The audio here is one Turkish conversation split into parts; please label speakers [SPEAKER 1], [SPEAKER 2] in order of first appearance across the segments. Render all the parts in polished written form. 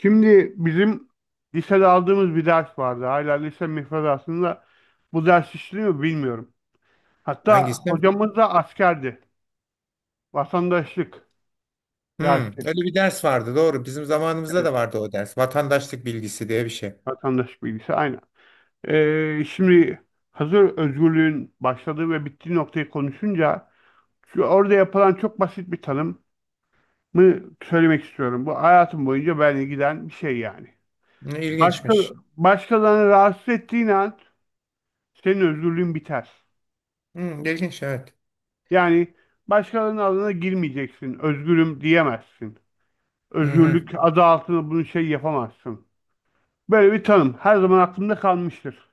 [SPEAKER 1] Şimdi bizim lisede aldığımız bir ders vardı. Hala lise müfredatında bu ders işliyor mu bilmiyorum. Hatta
[SPEAKER 2] Hangisi?
[SPEAKER 1] hocamız da askerdi. Vatandaşlık dersi.
[SPEAKER 2] Öyle bir ders vardı, doğru. Bizim zamanımızda
[SPEAKER 1] Evet,
[SPEAKER 2] da vardı o ders. Vatandaşlık bilgisi diye bir şey.
[SPEAKER 1] vatandaşlık bilgisi aynen. Şimdi hazır özgürlüğün başladığı ve bittiği noktayı konuşunca şu orada yapılan çok basit bir tanımı söylemek istiyorum. Bu hayatım boyunca benimle giden bir şey yani.
[SPEAKER 2] Ne
[SPEAKER 1] Başka,
[SPEAKER 2] ilginçmiş.
[SPEAKER 1] Başkalarını rahatsız ettiğin an senin özgürlüğün biter.
[SPEAKER 2] Hmm, ilginç, evet.
[SPEAKER 1] Yani başkalarının adına girmeyeceksin. Özgürüm diyemezsin.
[SPEAKER 2] Hı hı.
[SPEAKER 1] Özgürlük adı altında bunu şey yapamazsın. Böyle bir tanım her zaman aklımda kalmıştır.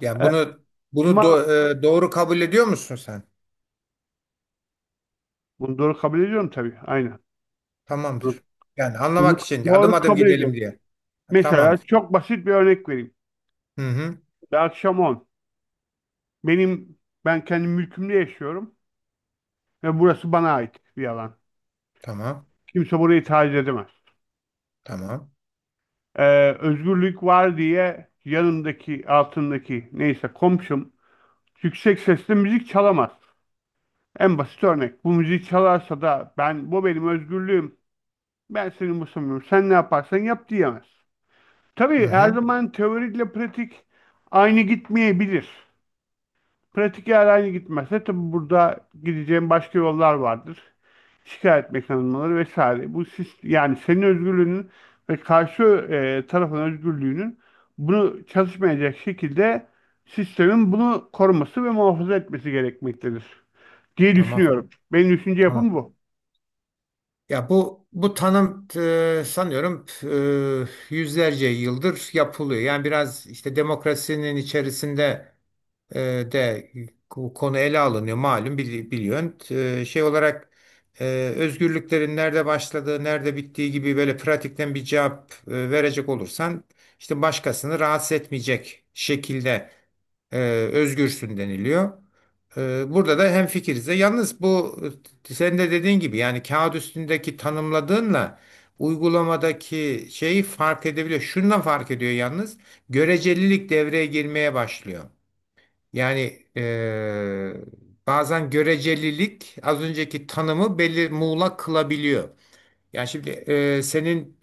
[SPEAKER 2] Yani
[SPEAKER 1] Ee,
[SPEAKER 2] bunu bunu
[SPEAKER 1] Ama
[SPEAKER 2] do- e, doğru kabul ediyor musun sen?
[SPEAKER 1] bunu doğru kabul ediyorum tabii. Aynen. Bunu
[SPEAKER 2] Tamamdır. Yani
[SPEAKER 1] bunu
[SPEAKER 2] anlamak için adım
[SPEAKER 1] doğru
[SPEAKER 2] adım
[SPEAKER 1] kabul ediyorum.
[SPEAKER 2] gidelim diye.
[SPEAKER 1] Mesela
[SPEAKER 2] Tamamdır.
[SPEAKER 1] çok basit bir örnek vereyim.
[SPEAKER 2] Hı hı.
[SPEAKER 1] Bir akşam 10. Benim ben kendi mülkümde yaşıyorum ve burası bana ait bir alan.
[SPEAKER 2] Tamam.
[SPEAKER 1] Kimse burayı taciz edemez.
[SPEAKER 2] Tamam.
[SPEAKER 1] Özgürlük var diye yanımdaki altındaki neyse komşum yüksek sesle müzik çalamaz. En basit örnek. Bu müziği çalarsa da benim özgürlüğüm. Ben seni umursamıyorum. Sen ne yaparsan yap diyemez.
[SPEAKER 2] Hı
[SPEAKER 1] Tabii her
[SPEAKER 2] hı.
[SPEAKER 1] zaman teoriyle pratik aynı gitmeyebilir. Pratik eğer aynı gitmezse tabii burada gideceğim başka yollar vardır. Şikayet mekanizmaları vesaire. Yani senin özgürlüğünün ve karşı tarafın özgürlüğünün bunu çalışmayacak şekilde sistemin bunu koruması ve muhafaza etmesi gerekmektedir diye
[SPEAKER 2] Tamam.
[SPEAKER 1] düşünüyorum. Benim düşünce
[SPEAKER 2] Tamam.
[SPEAKER 1] yapım bu.
[SPEAKER 2] Ya bu tanım, sanıyorum, yüzlerce yıldır yapılıyor. Yani biraz işte demokrasinin içerisinde e, de bu konu ele alınıyor, malum, biliyorsun. Şey olarak e, özgürlüklerin nerede başladığı, nerede bittiği gibi böyle pratikten bir cevap verecek olursan işte başkasını rahatsız etmeyecek şekilde e, özgürsün deniliyor. E, Burada da hemfikiriz. E, Yalnız bu, senin de dediğin gibi, yani kağıt üstündeki tanımladığınla uygulamadaki şeyi fark edebiliyor. Şundan fark ediyor yalnız. Görecelilik devreye girmeye başlıyor. Yani, bazen görecelilik az önceki tanımı belli muğlak kılabiliyor. Yani şimdi, senin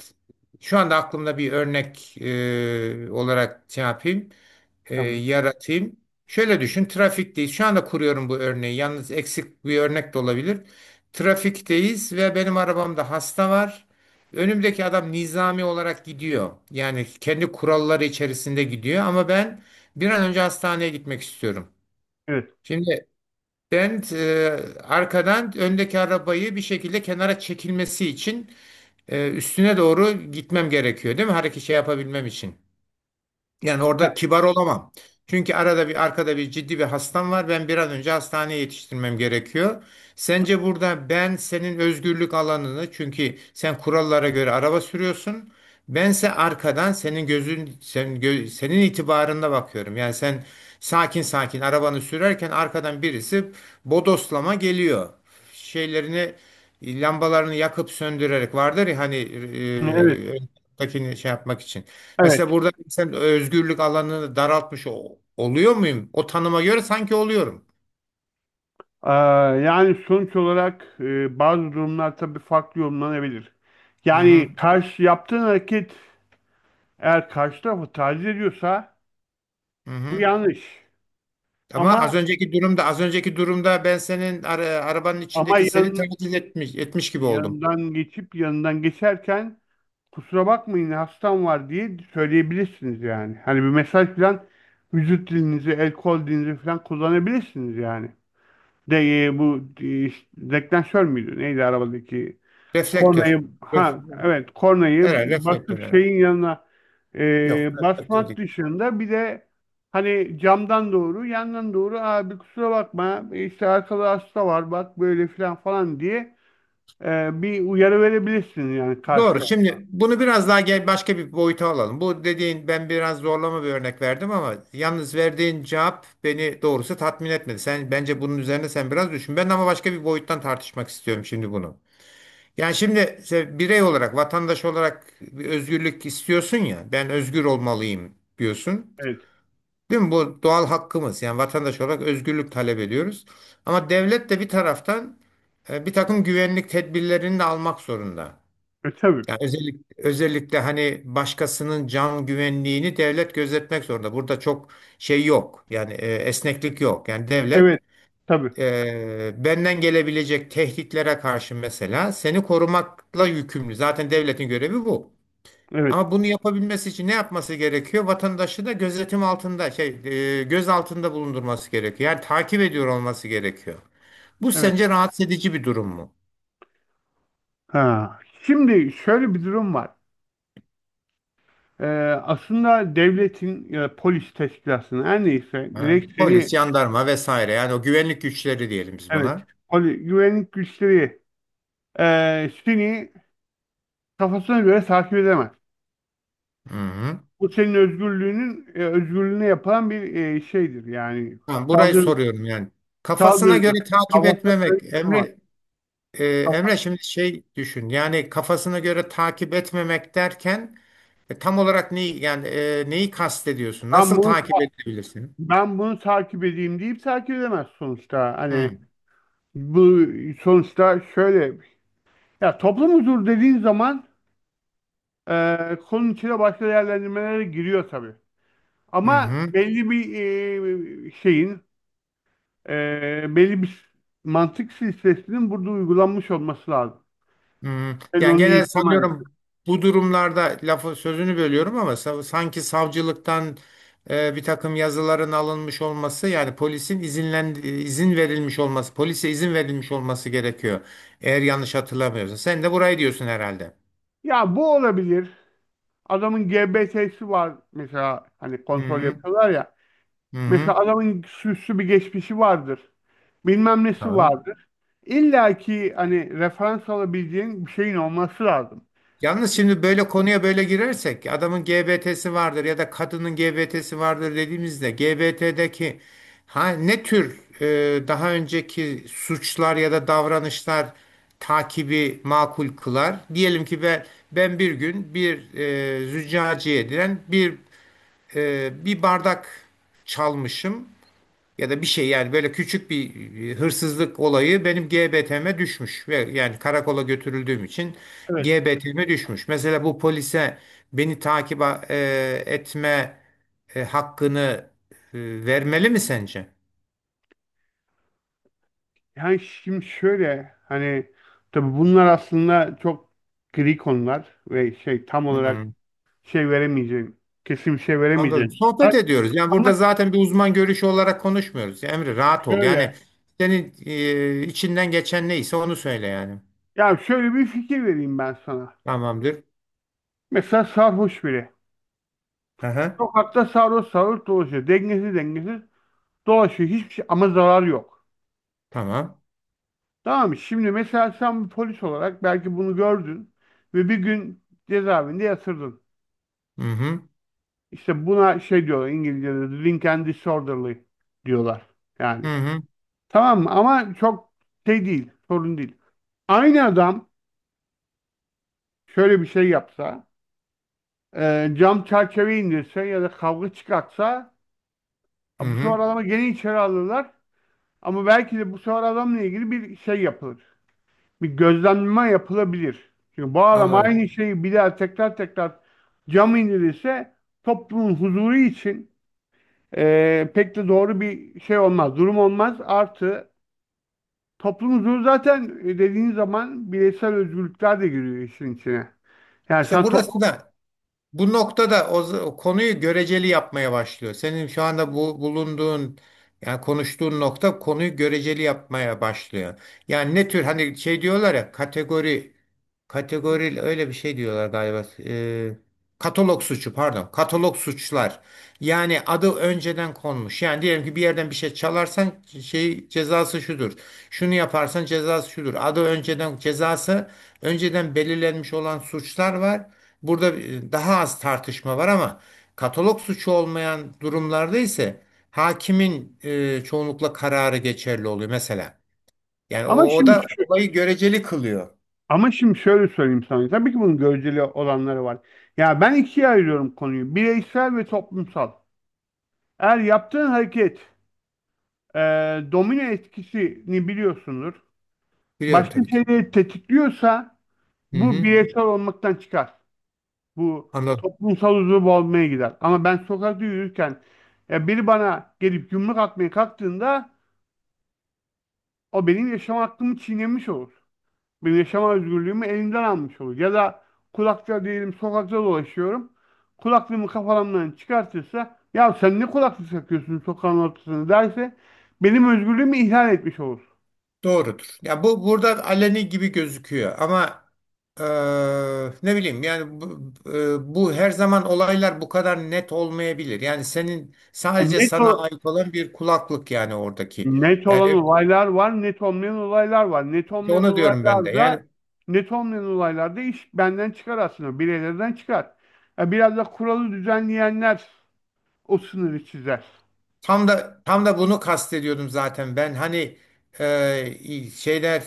[SPEAKER 2] şu anda aklımda bir örnek olarak şey yapayım, eee,
[SPEAKER 1] Tamam.
[SPEAKER 2] yaratayım. Şöyle düşün, trafikteyiz. Şu anda kuruyorum bu örneği. Yalnız eksik bir örnek de olabilir. Trafikteyiz ve benim arabamda hasta var. Önümdeki adam nizami olarak gidiyor. Yani kendi kuralları içerisinde gidiyor ama ben bir an önce hastaneye gitmek istiyorum.
[SPEAKER 1] Evet.
[SPEAKER 2] Şimdi ben, arkadan öndeki arabayı bir şekilde kenara çekilmesi için, üstüne doğru gitmem gerekiyor değil mi? Hareket şey yapabilmem için. Yani
[SPEAKER 1] Ha,
[SPEAKER 2] orada kibar olamam. Çünkü arada bir arkada bir ciddi bir hastam var. Ben bir an önce hastaneye yetiştirmem gerekiyor. Sence burada ben senin özgürlük alanını, çünkü sen kurallara göre araba sürüyorsun. Bense arkadan, senin gözün senin, senin itibarında bakıyorum. Yani sen sakin sakin arabanı sürerken arkadan birisi bodoslama geliyor. Şeylerini, lambalarını yakıp söndürerek vardır ya hani,
[SPEAKER 1] evet.
[SPEAKER 2] öndekini şey yapmak için.
[SPEAKER 1] Evet.
[SPEAKER 2] Mesela burada sen özgürlük alanını daraltmış oluyor muyum? O tanıma göre sanki oluyorum.
[SPEAKER 1] Aa, yani sonuç olarak bazı durumlar tabii farklı yorumlanabilir.
[SPEAKER 2] Hı hı,
[SPEAKER 1] Yani karşı yaptığın hareket eğer karşı tarafı taciz ediyorsa
[SPEAKER 2] hı
[SPEAKER 1] bu
[SPEAKER 2] hı.
[SPEAKER 1] yanlış.
[SPEAKER 2] Ama az
[SPEAKER 1] Ama
[SPEAKER 2] önceki durumda, az önceki durumda ben senin arabanın
[SPEAKER 1] ama
[SPEAKER 2] içindeki seni taklit etmiş gibi oldum.
[SPEAKER 1] yanından geçip yanından geçerken kusura bakmayın hastam var diye söyleyebilirsiniz yani. Hani bir mesaj falan vücut dilinizi, el kol dilinizi falan kullanabilirsiniz yani. De bu deklanşör müydü? Neydi arabadaki?
[SPEAKER 2] Reflektör.
[SPEAKER 1] Kornayı,
[SPEAKER 2] Ref-
[SPEAKER 1] ha, evet, kornayı
[SPEAKER 2] Herhalde reflektör.
[SPEAKER 1] basıp
[SPEAKER 2] Herhalde.
[SPEAKER 1] şeyin yanına
[SPEAKER 2] Yok, reflektör
[SPEAKER 1] basmak
[SPEAKER 2] değil.
[SPEAKER 1] dışında bir de hani camdan doğru yandan doğru abi kusura bakma işte arkada hasta var bak böyle filan falan diye bir uyarı verebilirsin yani
[SPEAKER 2] Doğru.
[SPEAKER 1] karşıda.
[SPEAKER 2] Şimdi bunu biraz daha gel başka bir boyuta alalım. Bu dediğin, ben biraz zorlama bir örnek verdim ama yalnız verdiğin cevap beni doğrusu tatmin etmedi. Sen bence bunun üzerine sen biraz düşün. Ben ama başka bir boyuttan tartışmak istiyorum şimdi bunu. Yani şimdi birey olarak, vatandaş olarak bir özgürlük istiyorsun ya. Ben özgür olmalıyım diyorsun.
[SPEAKER 1] Evet.
[SPEAKER 2] Değil mi? Bu doğal hakkımız. Yani vatandaş olarak özgürlük talep ediyoruz. Ama devlet de bir taraftan bir takım güvenlik tedbirlerini de almak zorunda.
[SPEAKER 1] Tabii.
[SPEAKER 2] Yani özellikle, özellikle hani başkasının can güvenliğini devlet gözetmek zorunda. Burada çok şey yok. Yani, esneklik yok. Yani devlet,
[SPEAKER 1] Evet. Tabii.
[SPEAKER 2] benden gelebilecek tehditlere karşı mesela seni korumakla yükümlü. Zaten devletin görevi bu.
[SPEAKER 1] Evet.
[SPEAKER 2] Ama bunu yapabilmesi için ne yapması gerekiyor? Vatandaşı da gözetim altında, şey, göz altında bulundurması gerekiyor. Yani takip ediyor olması gerekiyor. Bu
[SPEAKER 1] Evet.
[SPEAKER 2] sence rahatsız edici bir durum mu?
[SPEAKER 1] Ha. Şimdi şöyle bir durum var. Ee, Aslında devletin ya da polis teşkilatının her neyse
[SPEAKER 2] Ha?
[SPEAKER 1] direkt
[SPEAKER 2] Polis,
[SPEAKER 1] seni,
[SPEAKER 2] jandarma vesaire, yani o güvenlik güçleri diyelim biz
[SPEAKER 1] evet,
[SPEAKER 2] buna.
[SPEAKER 1] güvenlik güçleri seni kafasına göre takip edemez.
[SPEAKER 2] Hı hı.
[SPEAKER 1] Bu senin özgürlüğüne yapılan bir şeydir yani
[SPEAKER 2] Tamam, burayı
[SPEAKER 1] saldırı
[SPEAKER 2] soruyorum yani. Kafasına
[SPEAKER 1] saldırıdır.
[SPEAKER 2] göre takip
[SPEAKER 1] Kafasına göre
[SPEAKER 2] etmemek.
[SPEAKER 1] yapamaz.
[SPEAKER 2] E,
[SPEAKER 1] Kafa-
[SPEAKER 2] Emre şimdi şey düşün. Yani kafasına göre takip etmemek derken, tam olarak neyi, yani, neyi kastediyorsun?
[SPEAKER 1] ben
[SPEAKER 2] Nasıl
[SPEAKER 1] bunu
[SPEAKER 2] takip edebilirsin?
[SPEAKER 1] ben bunu takip edeyim deyip takip edemez sonuçta. Hani
[SPEAKER 2] Hı
[SPEAKER 1] bu, sonuçta şöyle, ya toplum huzuru dediğin zaman konunun içine başka değerlendirmelere giriyor tabii. Ama
[SPEAKER 2] hı.
[SPEAKER 1] belli bir e, şeyin, e, belli bir mantık silsilesinin burada uygulanmış olması lazım.
[SPEAKER 2] Hmm,
[SPEAKER 1] Ben
[SPEAKER 2] Yani
[SPEAKER 1] onu
[SPEAKER 2] genel
[SPEAKER 1] yitirmen...
[SPEAKER 2] sanıyorum bu durumlarda lafı sözünü bölüyorum ama sanki savcılıktan, bir takım yazıların alınmış olması, yani polisin izinlen izin verilmiş olması polise izin verilmiş olması gerekiyor. Eğer yanlış hatırlamıyorsam. Sen de burayı diyorsun herhalde.
[SPEAKER 1] Ya bu olabilir. Adamın GBT'si var mesela, hani
[SPEAKER 2] Hı
[SPEAKER 1] kontrol
[SPEAKER 2] hı.
[SPEAKER 1] yapıyorlar ya.
[SPEAKER 2] Hı
[SPEAKER 1] Mesela
[SPEAKER 2] hı.
[SPEAKER 1] adamın süslü bir geçmişi vardır. Bilmem nesi
[SPEAKER 2] Tamam.
[SPEAKER 1] vardır. İlla ki hani referans alabileceğin bir şeyin olması lazım.
[SPEAKER 2] Yalnız şimdi böyle konuya böyle girersek adamın GBT'si vardır ya da kadının GBT'si vardır dediğimizde GBT'deki, ha, ne tür daha önceki suçlar ya da davranışlar takibi makul kılar? Diyelim ki ben bir gün bir, züccaciye diren bir, bir bardak çalmışım ya da bir şey, yani böyle küçük bir, hırsızlık olayı benim GBT'me düşmüş ve yani karakola götürüldüğüm için
[SPEAKER 1] Evet.
[SPEAKER 2] GBT'me düşmüş. Mesela bu polise beni takip etme, hakkını, vermeli mi sence?
[SPEAKER 1] Yani şimdi şöyle hani tabii bunlar aslında çok gri konular ve şey tam olarak
[SPEAKER 2] Hmm,
[SPEAKER 1] şey veremeyeceğim. Kesin bir şey
[SPEAKER 2] Anladım.
[SPEAKER 1] veremeyeceğim.
[SPEAKER 2] Sohbet ediyoruz. Yani
[SPEAKER 1] Ama
[SPEAKER 2] burada zaten bir uzman görüşü olarak konuşmuyoruz. Emre, rahat ol.
[SPEAKER 1] şöyle.
[SPEAKER 2] Yani senin, içinden geçen neyse onu söyle yani.
[SPEAKER 1] Ya şöyle bir fikir vereyim ben sana.
[SPEAKER 2] Tamamdır.
[SPEAKER 1] Mesela sarhoş biri.
[SPEAKER 2] Aha.
[SPEAKER 1] Sokakta sarhoş sarhoş dolaşıyor. Dengesiz dengesiz dolaşıyor. Hiçbir şey, ama zarar yok.
[SPEAKER 2] Tamam.
[SPEAKER 1] Tamam mı? Şimdi mesela sen bir polis olarak belki bunu gördün ve bir gün cezaevinde yatırdın.
[SPEAKER 2] Hı hı.
[SPEAKER 1] İşte buna şey diyorlar, İngilizce'de drink and disorderly diyorlar.
[SPEAKER 2] Hı
[SPEAKER 1] Yani.
[SPEAKER 2] hı.
[SPEAKER 1] Tamam mı? Ama çok şey değil. Sorun değil. Aynı adam şöyle bir şey yapsa, cam çerçeve indirse ya da kavga çıkartsa,
[SPEAKER 2] Hı
[SPEAKER 1] ha, bu
[SPEAKER 2] hı.
[SPEAKER 1] sefer adamı gene içeri alırlar. Ama belki de bu sefer adamla ilgili bir şey yapılır. Bir gözlemleme yapılabilir. Çünkü bu adam
[SPEAKER 2] Anladım.
[SPEAKER 1] aynı şeyi bir daha tekrar tekrar cam indirirse toplumun huzuru için pek de doğru bir şey olmaz. Durum olmaz. Artı, toplum huzuru zaten dediğin zaman bireysel özgürlükler de giriyor işin içine. Yani
[SPEAKER 2] İşte
[SPEAKER 1] sen toplum...
[SPEAKER 2] burası da bu noktada o konuyu göreceli yapmaya başlıyor. Senin şu anda bu bulunduğun, yani konuştuğun nokta konuyu göreceli yapmaya başlıyor. Yani ne tür, hani şey diyorlar ya, kategori kategori öyle bir şey diyorlar galiba. Katalog suçu, pardon, katalog suçlar. Yani adı önceden konmuş. Yani diyelim ki bir yerden bir şey çalarsan şey cezası şudur. Şunu yaparsan cezası şudur. Adı önceden, cezası önceden belirlenmiş olan suçlar var. Burada daha az tartışma var ama katalog suçu olmayan durumlarda ise hakimin, çoğunlukla kararı geçerli oluyor mesela. Yani o,
[SPEAKER 1] Ama
[SPEAKER 2] o
[SPEAKER 1] şimdi
[SPEAKER 2] da
[SPEAKER 1] şu.
[SPEAKER 2] olayı göreceli kılıyor.
[SPEAKER 1] Ama şimdi şöyle söyleyeyim sana. Tabii ki bunun göreceli olanları var. Ya ben ikiye ayırıyorum konuyu: bireysel ve toplumsal. Eğer yaptığın hareket, e, domino etkisini biliyorsundur,
[SPEAKER 2] Biliyorum
[SPEAKER 1] başka
[SPEAKER 2] tabii ki.
[SPEAKER 1] şeyleri tetikliyorsa
[SPEAKER 2] Hı
[SPEAKER 1] bu
[SPEAKER 2] hı,
[SPEAKER 1] bireysel olmaktan çıkar. Bu
[SPEAKER 2] anladım.
[SPEAKER 1] toplumsal uzvu olmaya gider. Ama ben sokakta yürürken biri bana gelip yumruk atmaya kalktığında o benim yaşam hakkımı çiğnemiş olur. Bir yaşama özgürlüğümü elimden almış olur. Ya da kulakça diyelim, sokakta dolaşıyorum. Kulaklığımı kafamdan çıkartırsa, ya sen ne kulaklık takıyorsun sokağın ortasında derse, benim özgürlüğümü ihlal etmiş olur.
[SPEAKER 2] Doğrudur. Ya bu burada aleni gibi gözüküyor ama, e, ne bileyim yani bu her zaman olaylar bu kadar net olmayabilir. Yani senin
[SPEAKER 1] Yani
[SPEAKER 2] sadece sana ait olan bir kulaklık, yani oradaki.
[SPEAKER 1] net
[SPEAKER 2] Yani,
[SPEAKER 1] olan
[SPEAKER 2] evet,
[SPEAKER 1] olaylar var, net olmayan olaylar var. Net olmayan
[SPEAKER 2] onu diyorum ben de. Yani
[SPEAKER 1] olaylarda net olmayan olaylarda iş benden çıkar aslında, bireylerden çıkar. Ya biraz da kuralı düzenleyenler o sınırı çizer.
[SPEAKER 2] tam da tam da bunu kastediyordum zaten. Ben hani, e, şeyler,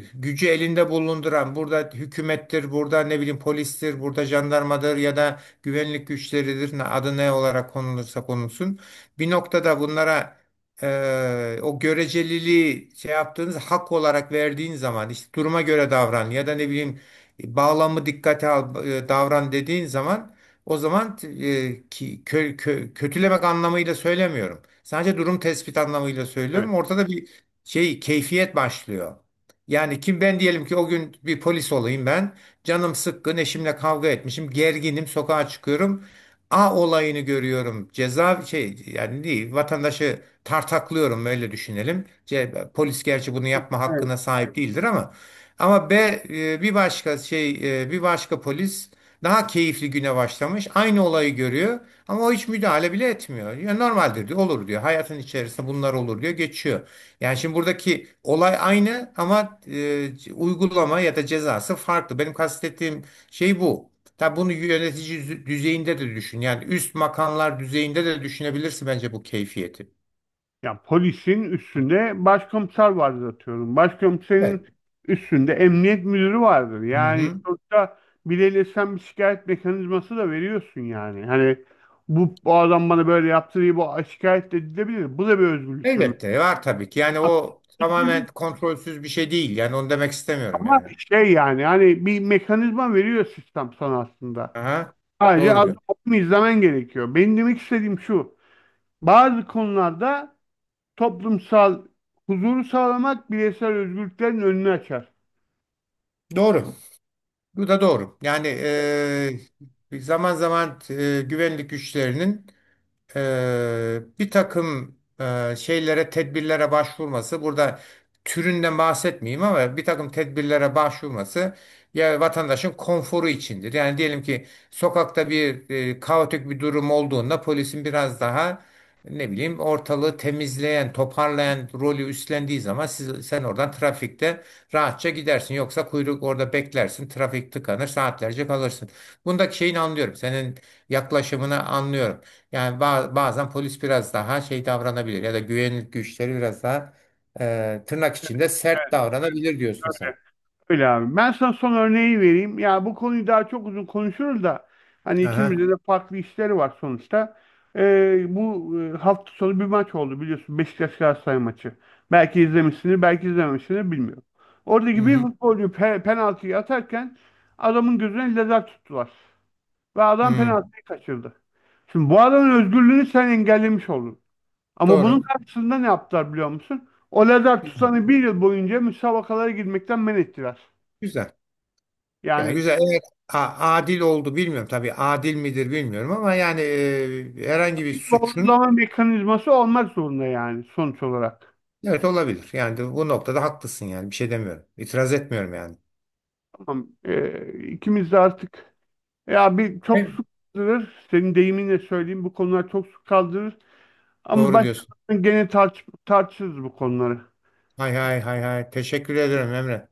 [SPEAKER 2] gücü elinde bulunduran, burada hükümettir, burada ne bileyim polistir, burada jandarmadır ya da güvenlik güçleridir. Adı ne olarak konulursa konulsun. Bir noktada bunlara, o göreceliliği şey yaptığınız hak olarak verdiğin zaman işte duruma göre davran ya da ne bileyim, bağlamı dikkate al, davran dediğin zaman o zaman, kötülemek anlamıyla söylemiyorum. Sadece durum tespit anlamıyla
[SPEAKER 1] Evet.
[SPEAKER 2] söylüyorum. Ortada bir şey keyfiyet başlıyor. Yani kim, ben diyelim ki o gün bir polis olayım ben. Canım sıkkın, eşimle kavga etmişim, gerginim, sokağa çıkıyorum. A olayını görüyorum. Ceza şey yani değil, vatandaşı tartaklıyorum, öyle düşünelim. C, polis gerçi bunu yapma
[SPEAKER 1] Evet.
[SPEAKER 2] hakkına sahip değildir ama, B, e, bir başka şey bir başka polis daha keyifli güne başlamış. Aynı olayı görüyor ama o hiç müdahale bile etmiyor. Ya normaldir diyor, olur diyor. Hayatın içerisinde bunlar olur diyor, geçiyor. Yani şimdi buradaki olay aynı ama, uygulama ya da cezası farklı. Benim kastettiğim şey bu. Tabi bunu yönetici düzeyinde de düşün. Yani üst makamlar düzeyinde de düşünebilirsin bence bu keyfiyeti.
[SPEAKER 1] Ya, polisin üstünde başkomiser vardır atıyorum.
[SPEAKER 2] Evet.
[SPEAKER 1] Başkomiserin üstünde emniyet müdürü vardır. Yani
[SPEAKER 2] Hı-hı.
[SPEAKER 1] sonuçta bileyle sen bir şikayet mekanizması da veriyorsun yani. Hani bu adam bana böyle yaptı diye bu şikayet de edilebilir. Bu da bir özgürlüktür.
[SPEAKER 2] Elbette var tabii ki. Yani
[SPEAKER 1] Ya,
[SPEAKER 2] o tamamen
[SPEAKER 1] özgürlük
[SPEAKER 2] kontrolsüz bir şey değil. Yani onu demek istemiyorum
[SPEAKER 1] ama
[SPEAKER 2] yani.
[SPEAKER 1] şey yani hani bir mekanizma veriyor sistem sana aslında.
[SPEAKER 2] Aha,
[SPEAKER 1] Sadece
[SPEAKER 2] doğru
[SPEAKER 1] adım
[SPEAKER 2] diyor.
[SPEAKER 1] adım izlemen gerekiyor. Benim demek istediğim şu: bazı konularda toplumsal huzuru sağlamak bireysel özgürlüklerin önünü açar.
[SPEAKER 2] Doğru. Bu da doğru. Yani, zaman zaman, güvenlik güçlerinin, bir takım, şeylere, tedbirlere başvurması, burada türünden bahsetmeyeyim ama bir takım tedbirlere başvurması ya vatandaşın konforu içindir. Yani diyelim ki sokakta bir, kaotik bir durum olduğunda polisin biraz daha ne bileyim ortalığı temizleyen, toparlayan rolü üstlendiği zaman siz, sen oradan trafikte rahatça gidersin. Yoksa kuyruk orada beklersin, trafik tıkanır, saatlerce kalırsın. Bundaki şeyini anlıyorum. Senin yaklaşımını anlıyorum. Yani bazen polis biraz daha şey davranabilir ya da güvenlik güçleri biraz daha, tırnak içinde sert
[SPEAKER 1] Evet, öyle.
[SPEAKER 2] davranabilir diyorsun sen.
[SPEAKER 1] Öyle. Öyle abi. Ben sana son örneği vereyim. Ya, bu konuyu daha çok uzun konuşuruz da hani
[SPEAKER 2] Aha.
[SPEAKER 1] ikimizde de farklı işleri var sonuçta. Bu hafta sonu bir maç oldu, biliyorsun. Beşiktaş Galatasaray maçı. Belki izlemişsiniz, belki izlememişsiniz, bilmiyorum.
[SPEAKER 2] Hı
[SPEAKER 1] Oradaki bir
[SPEAKER 2] hı.
[SPEAKER 1] futbolcu penaltıyı atarken adamın gözüne lazer tuttular. Ve adam
[SPEAKER 2] Hı.
[SPEAKER 1] penaltıyı kaçırdı. Şimdi bu adamın özgürlüğünü sen engellemiş oldun. Ama bunun
[SPEAKER 2] Doğru.
[SPEAKER 1] karşısında ne yaptılar biliyor musun? O lazer tutanı bir yıl boyunca müsabakalara girmekten men ettiler.
[SPEAKER 2] Güzel. Yani
[SPEAKER 1] Yani
[SPEAKER 2] güzel. Eğer adil oldu bilmiyorum. Tabii adil midir bilmiyorum ama yani, herhangi bir
[SPEAKER 1] bir
[SPEAKER 2] suçun
[SPEAKER 1] doğrulama mekanizması olmak zorunda yani sonuç olarak.
[SPEAKER 2] evet olabilir. Yani de bu noktada haklısın yani. Bir şey demiyorum. İtiraz etmiyorum yani.
[SPEAKER 1] Tamam. İkimiz de artık... Ya bir çok
[SPEAKER 2] Evet.
[SPEAKER 1] su kaldırır. Senin deyiminle söyleyeyim, bu konular çok su kaldırır. Ama
[SPEAKER 2] Doğru
[SPEAKER 1] başta
[SPEAKER 2] diyorsun.
[SPEAKER 1] gene tartışırız bu konuları.
[SPEAKER 2] Hay hay hay hay. Teşekkür ederim, Emre.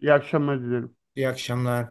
[SPEAKER 1] İyi akşamlar dilerim.
[SPEAKER 2] İyi akşamlar.